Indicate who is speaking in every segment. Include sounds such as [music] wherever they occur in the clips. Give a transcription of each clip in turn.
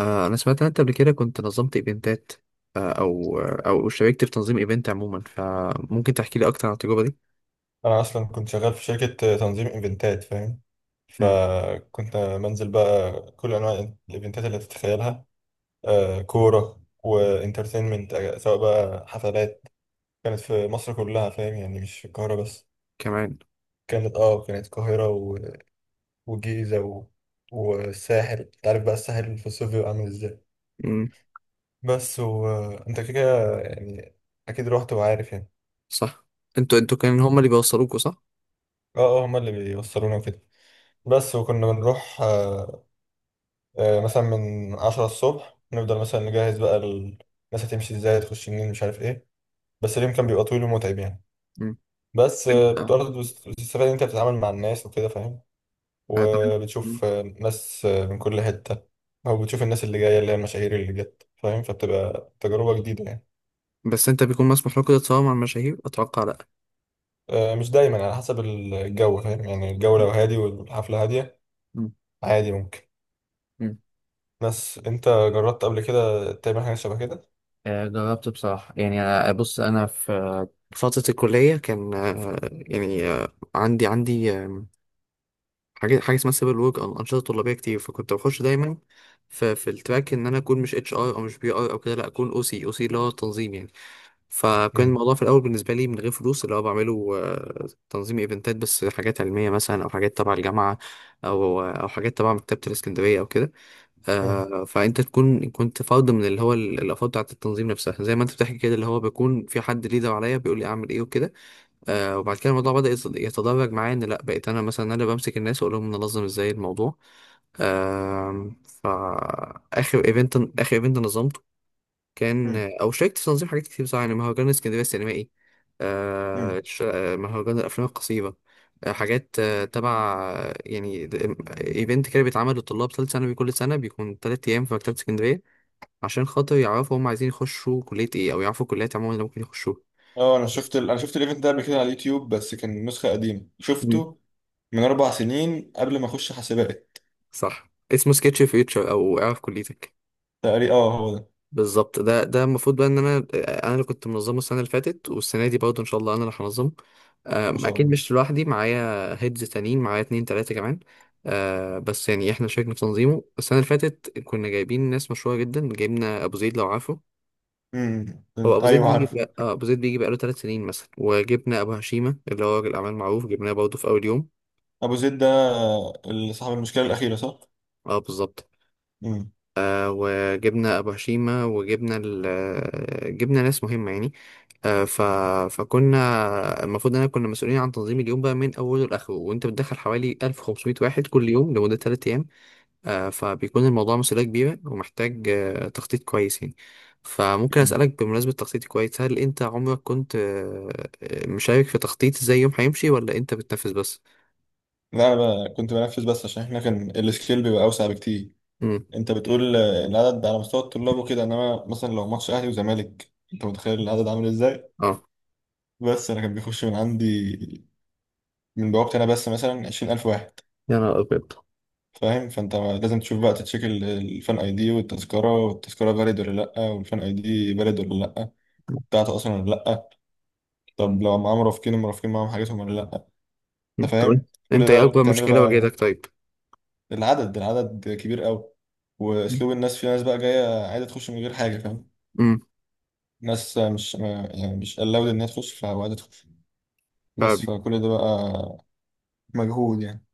Speaker 1: انا سمعت ان انت قبل كده كنت نظمت ايفنتات. او شاركت في تنظيم ايفنت عموما، فممكن تحكي لي اكتر عن التجربه دي؟
Speaker 2: انا اصلا كنت شغال في شركه تنظيم ايفنتات فاهم.
Speaker 1: امم.
Speaker 2: فكنت بنزل بقى كل انواع الايفنتات اللي تتخيلها. كوره وانترتينمنت، سواء بقى حفلات، كانت في مصر كلها، فاهم يعني مش في القاهره بس.
Speaker 1: كمان.
Speaker 2: كانت القاهره والجيزه والساحل. انت عارف بقى الساحل في الصيف بيبقى عامل ازاي.
Speaker 1: امم.
Speaker 2: بس وانت كده كده يعني اكيد رحت وعارف يعني.
Speaker 1: صح. انتوا كان هم اللي بيوصلوكوا، صح؟
Speaker 2: اه اه هما اللي بيوصلونا وكده. بس وكنا بنروح. مثلا من عشرة الصبح نفضل مثلا نجهز بقى الناس هتمشي ازاي، هتخش منين، مش عارف ايه. بس اليوم كان بيبقى طويل ومتعب يعني.
Speaker 1: امم.
Speaker 2: بس
Speaker 1: انت
Speaker 2: بتقعد، بتستفاد ان انت بتتعامل مع الناس وكده فاهم.
Speaker 1: آه، طب أنت- مم.
Speaker 2: وبتشوف ناس من كل حتة. او بتشوف الناس اللي جاية اللي هي المشاهير اللي جت فاهم، فبتبقى تجربة جديدة يعني.
Speaker 1: بس انت بيكون مسموح لكم تتصور مع المشاهير، اتوقع لا.
Speaker 2: مش دايما، على حسب الجو فاهم يعني. الجو
Speaker 1: مم.
Speaker 2: لو هادي والحفلة هادية،
Speaker 1: مم.
Speaker 2: عادي ممكن.
Speaker 1: مم.
Speaker 2: بس انت جربت قبل كده تعمل حاجة شبه كده؟
Speaker 1: جربت بصراحة. يعني أنا، بص أنا في فترة الكلية كان يعني، عندي حاجه اسمها سيفل ورك او انشطه طلابيه كتير، فكنت بخش دايما في التراك ان انا اكون مش اتش ار او مش بي ار او كده، لا اكون او سي او سي اللي هو تنظيم يعني. فكان
Speaker 2: مم.
Speaker 1: الموضوع في الاول بالنسبه لي من غير فلوس، اللي هو بعمله تنظيم ايفنتات، بس حاجات علميه مثلا او حاجات تبع الجامعه او حاجات تبع مكتبه الاسكندريه او كده.
Speaker 2: مم.
Speaker 1: فانت كنت فرد من اللي هو الافراد بتاعت التنظيم نفسها، زي ما انت بتحكي كده، اللي هو بيكون في حد ليدر عليا بيقول لي اعمل ايه وكده. آه. وبعد كده الموضوع بدأ يتدرج معايا ان لا، بقيت انا مثلا اللي بمسك الناس واقول لهم ننظم ازاي الموضوع. آه. فاخر ايفنت اخر ايفنت نظمته كان، شاركت في تنظيم حاجات كتير بصراحه، يعني مهرجان اسكندريه السينمائي،
Speaker 2: مم.
Speaker 1: مهرجان الافلام القصيره. حاجات تبع يعني ايفنت كده بيتعمل للطلاب ثالث ثانوي كل سنه، بيكون 3 ايام في مكتبه اسكندريه، عشان خاطر يعرفوا هم عايزين يخشوا كليه ايه او يعرفوا الكليات عموما اللي ممكن يخشوها.
Speaker 2: اه انا شفت الايفنت ده قبل كده على اليوتيوب، بس كان نسخه قديمه شفته من اربع سنين قبل ما اخش حسابات.
Speaker 1: صح، اسمه سكتش فيوتشر او اعرف كليتك.
Speaker 2: تقريبا اه هو ده.
Speaker 1: بالظبط، ده المفروض بقى ان انا اللي كنت منظمه السنه اللي فاتت، والسنه دي برضه ان شاء الله انا اللي هنظمه.
Speaker 2: ما شاء
Speaker 1: اكيد
Speaker 2: الله.
Speaker 1: مش لوحدي، معايا هيدز تانيين، معايا اتنين تلاته كمان. أه، بس يعني احنا شاركنا في تنظيمه السنه اللي فاتت، كنا جايبين ناس مشهوره جدا، جايبنا ابو زيد لو عارفه. هو
Speaker 2: أمم.
Speaker 1: ابو زيد
Speaker 2: ايوه
Speaker 1: بيجي
Speaker 2: عارف.
Speaker 1: بقى، ابو زيد بيجي بقاله 3 سنين مثلا، وجبنا ابو هشيمه اللي هو راجل اعمال معروف، جبناه برضه في اول يوم.
Speaker 2: ابو زيد ده، اللي صاحب المشكله الاخيره، صح؟
Speaker 1: اه بالظبط.
Speaker 2: امم.
Speaker 1: وجبنا ابو هشيمه، جبنا ناس مهمه يعني. آه، ف... فكنا المفروض ان كنا مسؤولين عن تنظيم اليوم بقى من اوله لاخره، وانت بتدخل حوالي 1500 واحد كل يوم لمده 3 ايام. فبيكون الموضوع مسؤوليه كبيره ومحتاج تخطيط كويس يعني. فممكن
Speaker 2: أمم.
Speaker 1: اسالك بمناسبه تخطيط كويس، هل انت عمرك كنت مشارك في تخطيط ازاي يوم هيمشي ولا انت بتنفذ بس؟
Speaker 2: لا انا بقى كنت بنفذ بس، عشان احنا كان السكيل بيبقى اوسع بكتير.
Speaker 1: امم.
Speaker 2: انت بتقول العدد على مستوى الطلاب وكده، انما مثلا لو ماتش اهلي وزمالك انت متخيل العدد عامل ازاي.
Speaker 1: اه.
Speaker 2: بس انا كان بيخش من عندي، من بوابتي انا بس، مثلا 20,000 واحد.
Speaker 1: يا نهار ابيض.
Speaker 2: فاهم؟ فانت لازم تشوف بقى تتشيك الفان اي دي والتذكره، والتذكره فاليد ولا لا، والفان اي دي فاليد ولا لا، بتاعته اصلا ولا لا. طب لو معاه مرافقين، المرافقين معاهم حاجتهم ولا لا. انت
Speaker 1: مم. طب انت،
Speaker 2: فاهم؟ كل
Speaker 1: إنت ايه
Speaker 2: ده
Speaker 1: اكبر
Speaker 2: تعمله
Speaker 1: مشكله
Speaker 2: بقى.
Speaker 1: واجهتك طيب؟
Speaker 2: العدد كبير قوي. واسلوب الناس، في ناس بقى جايه عايزه تخش من غير حاجه فاهم.
Speaker 1: مم.
Speaker 2: ناس مش ما- يعني مش allowed ان هي تخش، فعايزه تخش
Speaker 1: ف...
Speaker 2: بس. فكل ده بقى مجهود يعني.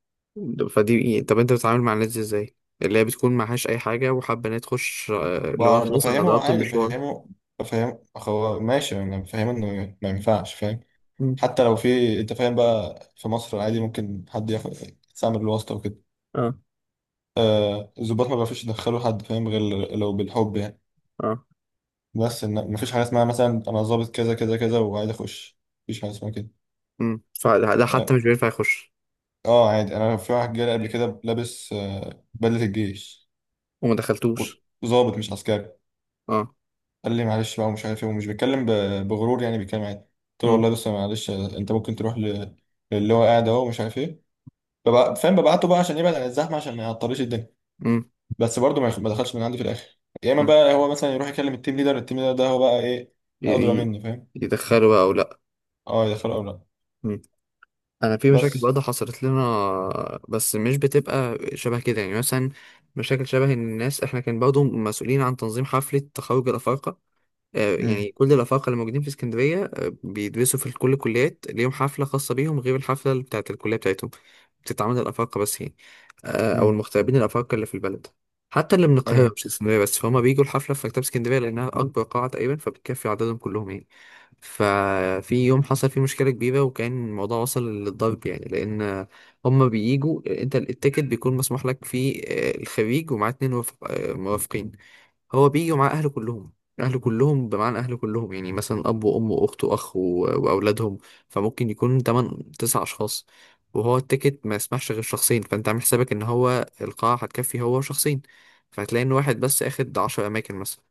Speaker 1: فدي إيه؟ طب انت بتتعامل مع الناس دي ازاي، اللي هي بتكون معهاش اي حاجه وحابه ان هي تخش، اللي هو خلاص انا
Speaker 2: بفهمه
Speaker 1: ضربت
Speaker 2: عادي،
Speaker 1: المشوار.
Speaker 2: بفهمه. بفهم هو ماشي، انا بفهمه انه ما ينفعش، فاهم.
Speaker 1: مم.
Speaker 2: حتى لو في، انت فاهم بقى، في مصر عادي ممكن حد ياخد، يستعمل الواسطة وكده.
Speaker 1: اه
Speaker 2: الضباط ما بيعرفوش يدخلوا حد فاهم غير لو بالحب يعني.
Speaker 1: اه.
Speaker 2: بس ان مفيش حاجة اسمها مثلا انا ظابط كذا كذا كذا وعايز اخش، مفيش حاجة اسمها كده.
Speaker 1: امم. فده
Speaker 2: اه.
Speaker 1: حتى مش بينفع يخش.
Speaker 2: اه، عادي، انا في واحد جالي قبل كده لابس بدلة الجيش.
Speaker 1: وما دخلتوش.
Speaker 2: ظابط مش عسكري.
Speaker 1: اه.
Speaker 2: قال لي معلش بقى ومش عارف ايه، ومش بيتكلم بغرور، يعني بيتكلم عادي. قلت له
Speaker 1: امم.
Speaker 2: والله بس معلش، انت ممكن تروح للي هو قاعد اهو ومش عارف ايه. فاهم، ببعته بقى عشان يبعد عن الزحمة، عشان ما يعطليش الدنيا.
Speaker 1: امم.
Speaker 2: بس برضه ما دخلش من عندي في الاخر، يا اما
Speaker 1: امم.
Speaker 2: بقى هو مثلا يروح يكلم التيم ليدر، التيم ليدر ده هو بقى ايه،
Speaker 1: ي-
Speaker 2: ادرى
Speaker 1: ي-
Speaker 2: مني فاهم.
Speaker 1: يدخلوا بقى او لا؟
Speaker 2: اه، يدخله او لا.
Speaker 1: مم. انا في مشاكل
Speaker 2: بس.
Speaker 1: برضه حصلت لنا، بس مش بتبقى شبه كده يعني. مثلا مشاكل شبه ان الناس، احنا كان برضه مسؤولين عن تنظيم حفله تخرج الافارقه.
Speaker 2: امم.
Speaker 1: يعني كل الأفارقة اللي موجودين في اسكندرية بيدرسوا في كل الكليات ليهم حفلة خاصة بيهم، غير الحفلة اللي بتاعت الكلية بتاعتهم. بتتعمل الأفارقة بس يعني، أو
Speaker 2: امم.
Speaker 1: المغتربين الأفارقة اللي في البلد. حتى اللي من القاهرة
Speaker 2: ايوه.
Speaker 1: مش اسكندرية بس، فهم بيجوا الحفلة في مكتبة اسكندرية لأنها أكبر قاعة تقريبا، فبتكفي عددهم كلهم يعني. ففي يوم حصل فيه مشكلة كبيرة وكان الموضوع وصل للضرب يعني، لأن هم بييجوا، أنت التيكت بيكون مسموح لك فيه الخريج ومعاه اتنين مرافقين. هو بيجي ومعاه أهله كلهم، اهله كلهم بمعنى اهله كلهم، يعني مثلا اب وام واخت واخ واولادهم. فممكن يكون 8 9 اشخاص، وهو التيكت ما يسمحش غير شخصين، فانت عامل حسابك ان هو القاعة هتكفي هو شخصين، فهتلاقي ان واحد بس اخد 10 اماكن مثلا.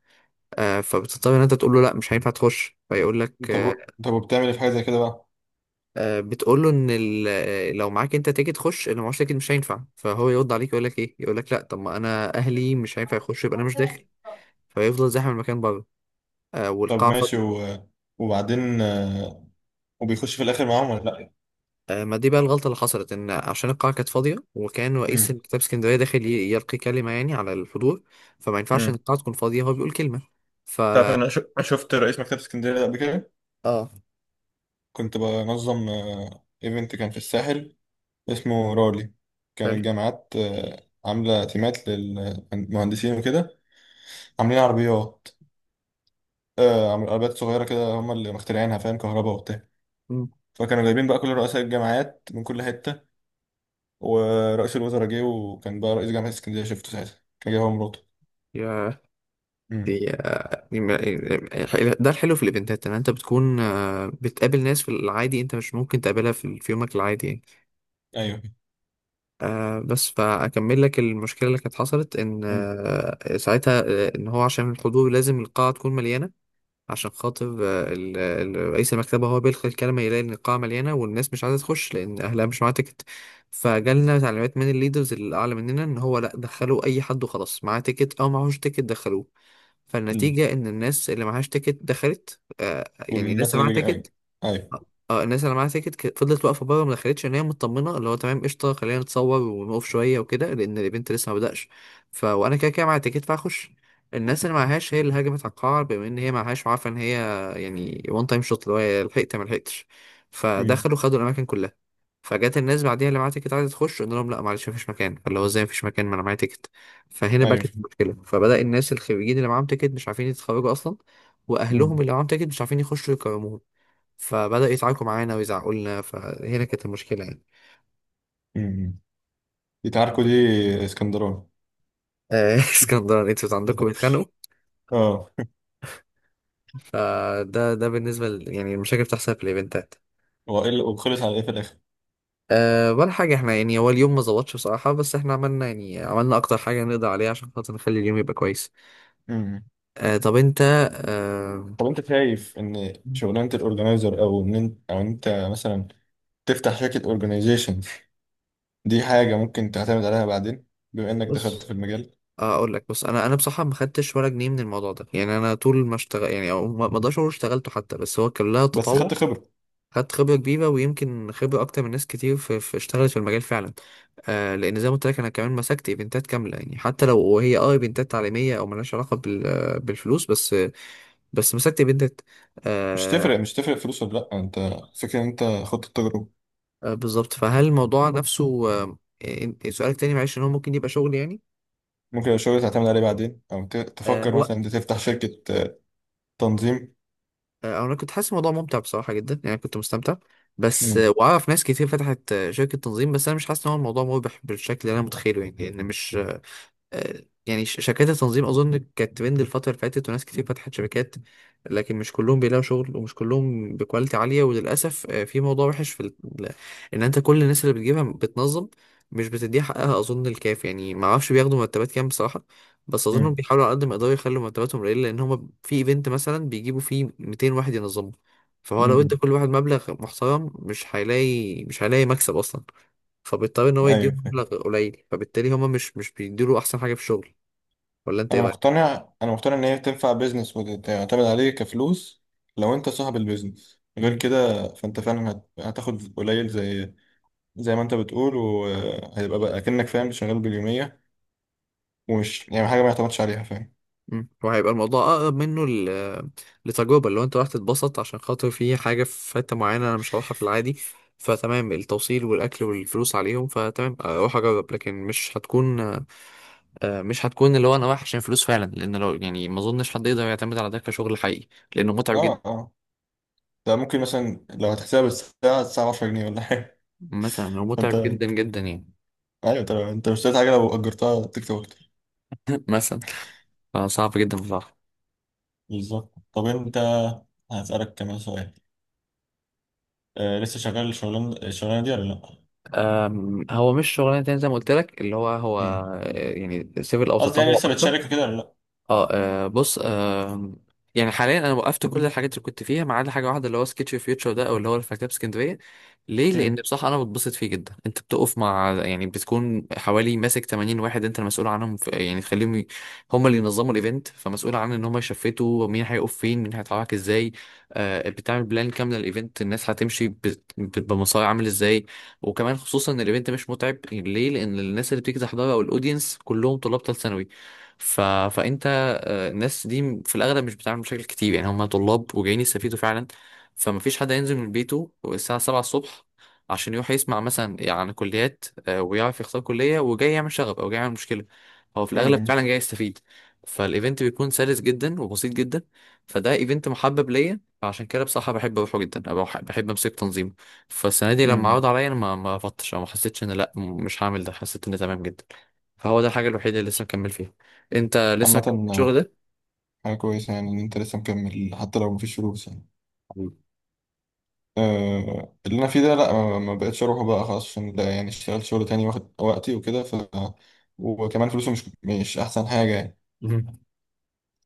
Speaker 1: آه، فبتضطر ان انت تقول له لا مش هينفع تخش، فيقول لك
Speaker 2: طب
Speaker 1: آه.
Speaker 2: طب وبتعمل إيه في حاجه زي كده بقى؟
Speaker 1: بتقول له ان لو معاك انت تيكت خش، لو معاش تيكت مش هينفع، فهو يرد عليك يقول لك ايه، يقول لك لا طب ما انا اهلي مش هينفع يخش يبقى انا مش داخل، فيفضل زاحم المكان بره. آه،
Speaker 2: طب
Speaker 1: والقاعة
Speaker 2: ماشي
Speaker 1: فاضية.
Speaker 2: وبعدين وبيخش في الاخر معاهم ولا لا؟
Speaker 1: آه، ما دي بقى الغلطة اللي حصلت، إن عشان القاعة كانت فاضية وكان رئيس
Speaker 2: امم.
Speaker 1: مكتبة اسكندرية داخل يلقي كلمة يعني على الحضور، فما ينفعش إن
Speaker 2: امم.
Speaker 1: القاعة تكون فاضية هو بيقول كلمة. ف.
Speaker 2: تعرف، انا شفت رئيس مكتبه اسكندريه ده قبل كده.
Speaker 1: آه.
Speaker 2: كنت بنظم ايفنت كان في الساحل، اسمه رالي. كان
Speaker 1: حلو.
Speaker 2: الجامعات عامله تيمات للمهندسين وكده، عاملين عربيات. عملوا عربيات صغيرة كده هم اللي مخترعينها، فاهم، كهرباء وبتاع.
Speaker 1: مم.
Speaker 2: فكانوا جايبين بقى كل رؤساء الجامعات من كل حتة، ورئيس الوزراء جه. وكان بقى رئيس جامعة اسكندرية شفته ساعتها، كان جاي هو مراته.
Speaker 1: يا.
Speaker 2: امم.
Speaker 1: دي، دي ما- إيه، إيه، ده الحلو في الإيفنتات، إن أنت بتكون بتقابل ناس في العادي أنت مش ممكن تقابلها في يومك العادي يعني.
Speaker 2: ايوه.
Speaker 1: بس فأكمل لك المشكلة اللي كانت حصلت، إن
Speaker 2: مم.
Speaker 1: ساعتها إن هو عشان الحضور لازم القاعة تكون مليانة. عشان خاطر رئيس المكتبة هو بيلقي الكلمة، يلاقي إن القاعة مليانة والناس مش عايزة تخش لأن أهلها مش معاها تيكت. فجالنا تعليمات من الليدرز اللي أعلى مننا إن هو لأ، دخلوا أي حد وخلاص، معاه تيكت أو معهوش تيكت دخلوه.
Speaker 2: مم.
Speaker 1: فالنتيجة إن الناس اللي معهاش تيكت دخلت يعني الناس
Speaker 2: والناس
Speaker 1: اللي معاها
Speaker 2: اللي جاي، ايوه.
Speaker 1: تيكت.
Speaker 2: ايوه.
Speaker 1: اه، الناس اللي معاها تيكت فضلت واقفه بره ما دخلتش، ان هي مطمنه اللي هو تمام قشطه، خلينا نتصور ونقف شويه وكده لان الايفنت لسه ما بداش. ف وانا كده كده معايا تيكت فهخش. الناس اللي معهاش هي اللي هاجمت على القاعه، بما ان هي معهاش وعارفه ان هي، يعني وان تايم شوت اللي هو يا لحقت يا ما لحقتش،
Speaker 2: امم.
Speaker 1: فدخلوا خدوا الاماكن كلها. فجت الناس بعديها اللي معاها تيكت عايزه تخش، قلنا لهم لا معلش مفيش مكان، فاللي هو ازاي مفيش مكان ما انا معايا تيكت. فهنا بقى
Speaker 2: ايوه.
Speaker 1: كانت المشكله. فبدا الناس الخريجين اللي معاهم تيكت مش عارفين يتخرجوا اصلا، واهلهم
Speaker 2: امم.
Speaker 1: اللي معاهم تيكت مش عارفين يخشوا يكرموهم، فبدأوا يتعاركوا معانا ويزعقوا لنا، فهنا كانت المشكلة يعني.
Speaker 2: امم. دي تعاركوا، دي اسكندراني.
Speaker 1: [laughs] اسكندران انتوا عندكم بيتخانقوا.
Speaker 2: [laughs] اه.
Speaker 1: فده بالنسبة يعني المشاكل بتحصل في الايفنتات.
Speaker 2: هو ايه وخلص على ايه في الاخر؟
Speaker 1: أه ولا حاجة، احنا يعني هو اليوم ما ظبطش بصراحة، بس احنا عملنا يعني عملنا أكتر حاجة نقدر عليها عشان خاطر نخلي اليوم يبقى كويس.
Speaker 2: امم.
Speaker 1: أه طب انت. أه
Speaker 2: طب انت شايف ان شغلانه الاورجنايزر، او ان انت، او انت مثلا تفتح شركه اورجنايزيشن، دي حاجة ممكن تعتمد عليها بعدين، بما انك دخلت
Speaker 1: بص
Speaker 2: في المجال،
Speaker 1: آه، اقول لك. بص انا بصراحه ما خدتش ولا جنيه من الموضوع ده، يعني انا طول ما اشتغل يعني او ما اقدرش اقول اشتغلته حتى، بس هو كان لها
Speaker 2: بس
Speaker 1: تطوع.
Speaker 2: خدت خبرة.
Speaker 1: خدت خبرة كبيرة ويمكن خبرة أكتر من ناس كتير في, اشتغلت في المجال فعلا. آه لأن زي ما قلت لك أنا كمان مسكت إيفنتات كاملة، يعني حتى لو هي أه إيفنتات تعليمية أو ملهاش علاقة بالفلوس بس، مسكت إيفنتات.
Speaker 2: مش
Speaker 1: آه.
Speaker 2: تفرق مش تفرق فلوس ولا لأ، انت فكرة ان انت خدت التجربة.
Speaker 1: آه بالظبط. فهل الموضوع نفسه، آه، سؤالك تاني معلش، إن هو ممكن يبقى شغل يعني؟
Speaker 2: ممكن الشغل تعتمد عليه بعدين، او
Speaker 1: آه.
Speaker 2: تفكر
Speaker 1: هو
Speaker 2: مثلا انت تفتح شركة تنظيم.
Speaker 1: آه، أنا كنت حاسس الموضوع ممتع بصراحة جدا، يعني كنت مستمتع بس.
Speaker 2: مم.
Speaker 1: وأعرف ناس كتير فتحت شركة تنظيم، بس أنا مش حاسس إن هو الموضوع مربح بالشكل اللي أنا متخيله يعني، لأن مش، يعني شركات التنظيم اظن كانت ترند الفتره اللي فاتت وناس كتير فتحت شركات. لكن مش كلهم بيلاقوا شغل ومش كلهم بكواليتي عاليه، وللاسف في موضوع وحش في ال- ان انت كل الناس اللي بتجيبها بتنظم مش بتديها حقها، اظن الكاف يعني ما اعرفش بياخدوا مرتبات كام بصراحه. بس اظنهم
Speaker 2: مم.
Speaker 1: بيحاولوا على قد ما يقدروا يخلوا مرتباتهم قليله، لان هم في ايفنت مثلا بيجيبوا فيه 200 واحد ينظموا. فهو لو ادى
Speaker 2: مم.
Speaker 1: كل واحد مبلغ محترم مش هيلاقي مكسب اصلا. فبيضطر ان هو يديهم
Speaker 2: ايوه.
Speaker 1: مبلغ قليل، فبالتالي هما مش بيديله احسن حاجه في الشغل. ولا انت
Speaker 2: انا
Speaker 1: ايه رايك؟
Speaker 2: مقتنع انا مقتنع ان هي تنفع بيزنس وتعتمد عليه كفلوس، لو انت صاحب البيزنس. غير
Speaker 1: امم.
Speaker 2: كده فانت فعلا هتاخد قليل، زي زي ما انت بتقول. وهيبقى بقى كأنك، فاهم، شغال باليومية، ومش يعني حاجة ما يعتمدش عليها، فاهم.
Speaker 1: امم، وهيبقى الموضوع اقرب منه لتجربه، اللي هو انت راح تتبسط عشان خاطر في حاجه في حته معينه انا مش هروحها في العادي، فتمام التوصيل والاكل والفلوس عليهم فتمام اروح اجرب. لكن مش هتكون، مش هتكون اللي هو انا رايح عشان فلوس فعلا، لان لو يعني ما اظنش حد يقدر يعتمد على ده كشغل حقيقي، لانه متعب
Speaker 2: اه
Speaker 1: جدا.
Speaker 2: اه. ده ممكن مثلا لو هتحسبها بالساعة، الساعة 10 جنيه ولا حاجة.
Speaker 1: مثلا هو
Speaker 2: [laughs] فانت
Speaker 1: متعب جدا جدا يعني.
Speaker 2: ايوه. انت مش اشتريت حاجة لو اجرتها تكسب اكتر.
Speaker 1: [laughs] مثلا. فصعب جدا بصراحه.
Speaker 2: بالظبط. طب انت هسألك كمان سؤال، آه لسه شغال الشغلانة، دي ولا لا؟
Speaker 1: هو مش شغلانه، تاني زي ما قلت لك اللي هو
Speaker 2: مم.
Speaker 1: يعني سيفل او
Speaker 2: قصدي يعني
Speaker 1: تطوع
Speaker 2: لسه
Speaker 1: اكتر.
Speaker 2: بتشارك كده ولا لا؟
Speaker 1: اه. آه، بص آه يعني حاليا انا وقفت كل الحاجات اللي كنت فيها ما عدا حاجه واحده، اللي هو سكتش فيوتشر ده او اللي هو الفكتاب اسكندريه. ليه؟ لان
Speaker 2: مم.
Speaker 1: بصراحه انا بتبسط فيه جدا، انت بتقف مع يعني بتكون حوالي ماسك 80 واحد انت المسؤول عنهم، في يعني تخليهم هم اللي ينظموا الايفنت، فمسؤول عن ان هم يشفتوا مين هيقف فين مين هيتحرك ازاي. آه بتعمل بلان كامله للايفنت، الناس هتمشي بمسار عامل ازاي. وكمان خصوصا ان الايفنت مش متعب ليه، لان الناس اللي بتيجي تحضره او الاودينس كلهم طلاب ثالث ثانوي. ف... فانت الناس دي في الأغلب مش بتتعامل بشكل كتير يعني، هم طلاب وجايين يستفيدوا فعلا. فما فيش حد هينزل من بيته الساعة 7 الصبح عشان يروح يسمع مثلا عن كليات ويعرف يختار كلية، وجاي يعمل شغب أو جاي يعمل مشكلة. هو في الأغلب
Speaker 2: مم.
Speaker 1: فعلا جاي يستفيد. فالإيفنت بيكون سلس جدا وبسيط جدا. فده إيفنت محبب ليا، فعشان كده بصراحة بحب أروحه جدا أو بحب أمسك تنظيمه. فالسنة دي لما عرض
Speaker 2: مم.
Speaker 1: عليا أنا ما رفضتش أو ما حسيتش إن لأ مش هعمل ده، حسيت إن تمام جدا. فهو ده الحاجة الوحيدة اللي لسه مكمل فيها. أنت لسه مكمل
Speaker 2: عامة
Speaker 1: الشغل
Speaker 2: آه،
Speaker 1: ده؟
Speaker 2: حاجة كويسة يعني إن أنت لسه مكمل، حتى لو مفيش فلوس يعني.
Speaker 1: مم.
Speaker 2: أه، اللي أنا فيه ده لأ، ما بقتش أروحه بقى خلاص، عشان ده يعني اشتغلت شغل تاني واخد وقتي وكده، ف وكمان فلوسه مش أحسن حاجة يعني.
Speaker 1: مم.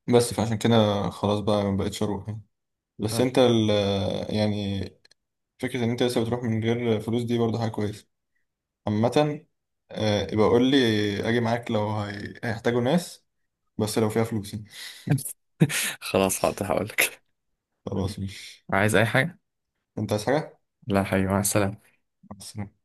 Speaker 2: بس فعشان كده خلاص بقى ما بقتش اروح يعني. بس انت
Speaker 1: آه.
Speaker 2: ال يعني فكرة ان انت لسه بتروح من غير فلوس دي برضه حاجة كويسة عامة. يبقى قول لي اجي معاك لو هيحتاجوا ناس، بس لو فيها فلوس يعني.
Speaker 1: [laughs] خلاص حاضر هقول لك.
Speaker 2: خلاص، مش
Speaker 1: عايز اي حاجه؟
Speaker 2: انت عايز حاجة؟
Speaker 1: لا حبيبي، مع السلامه.
Speaker 2: مع السلامة.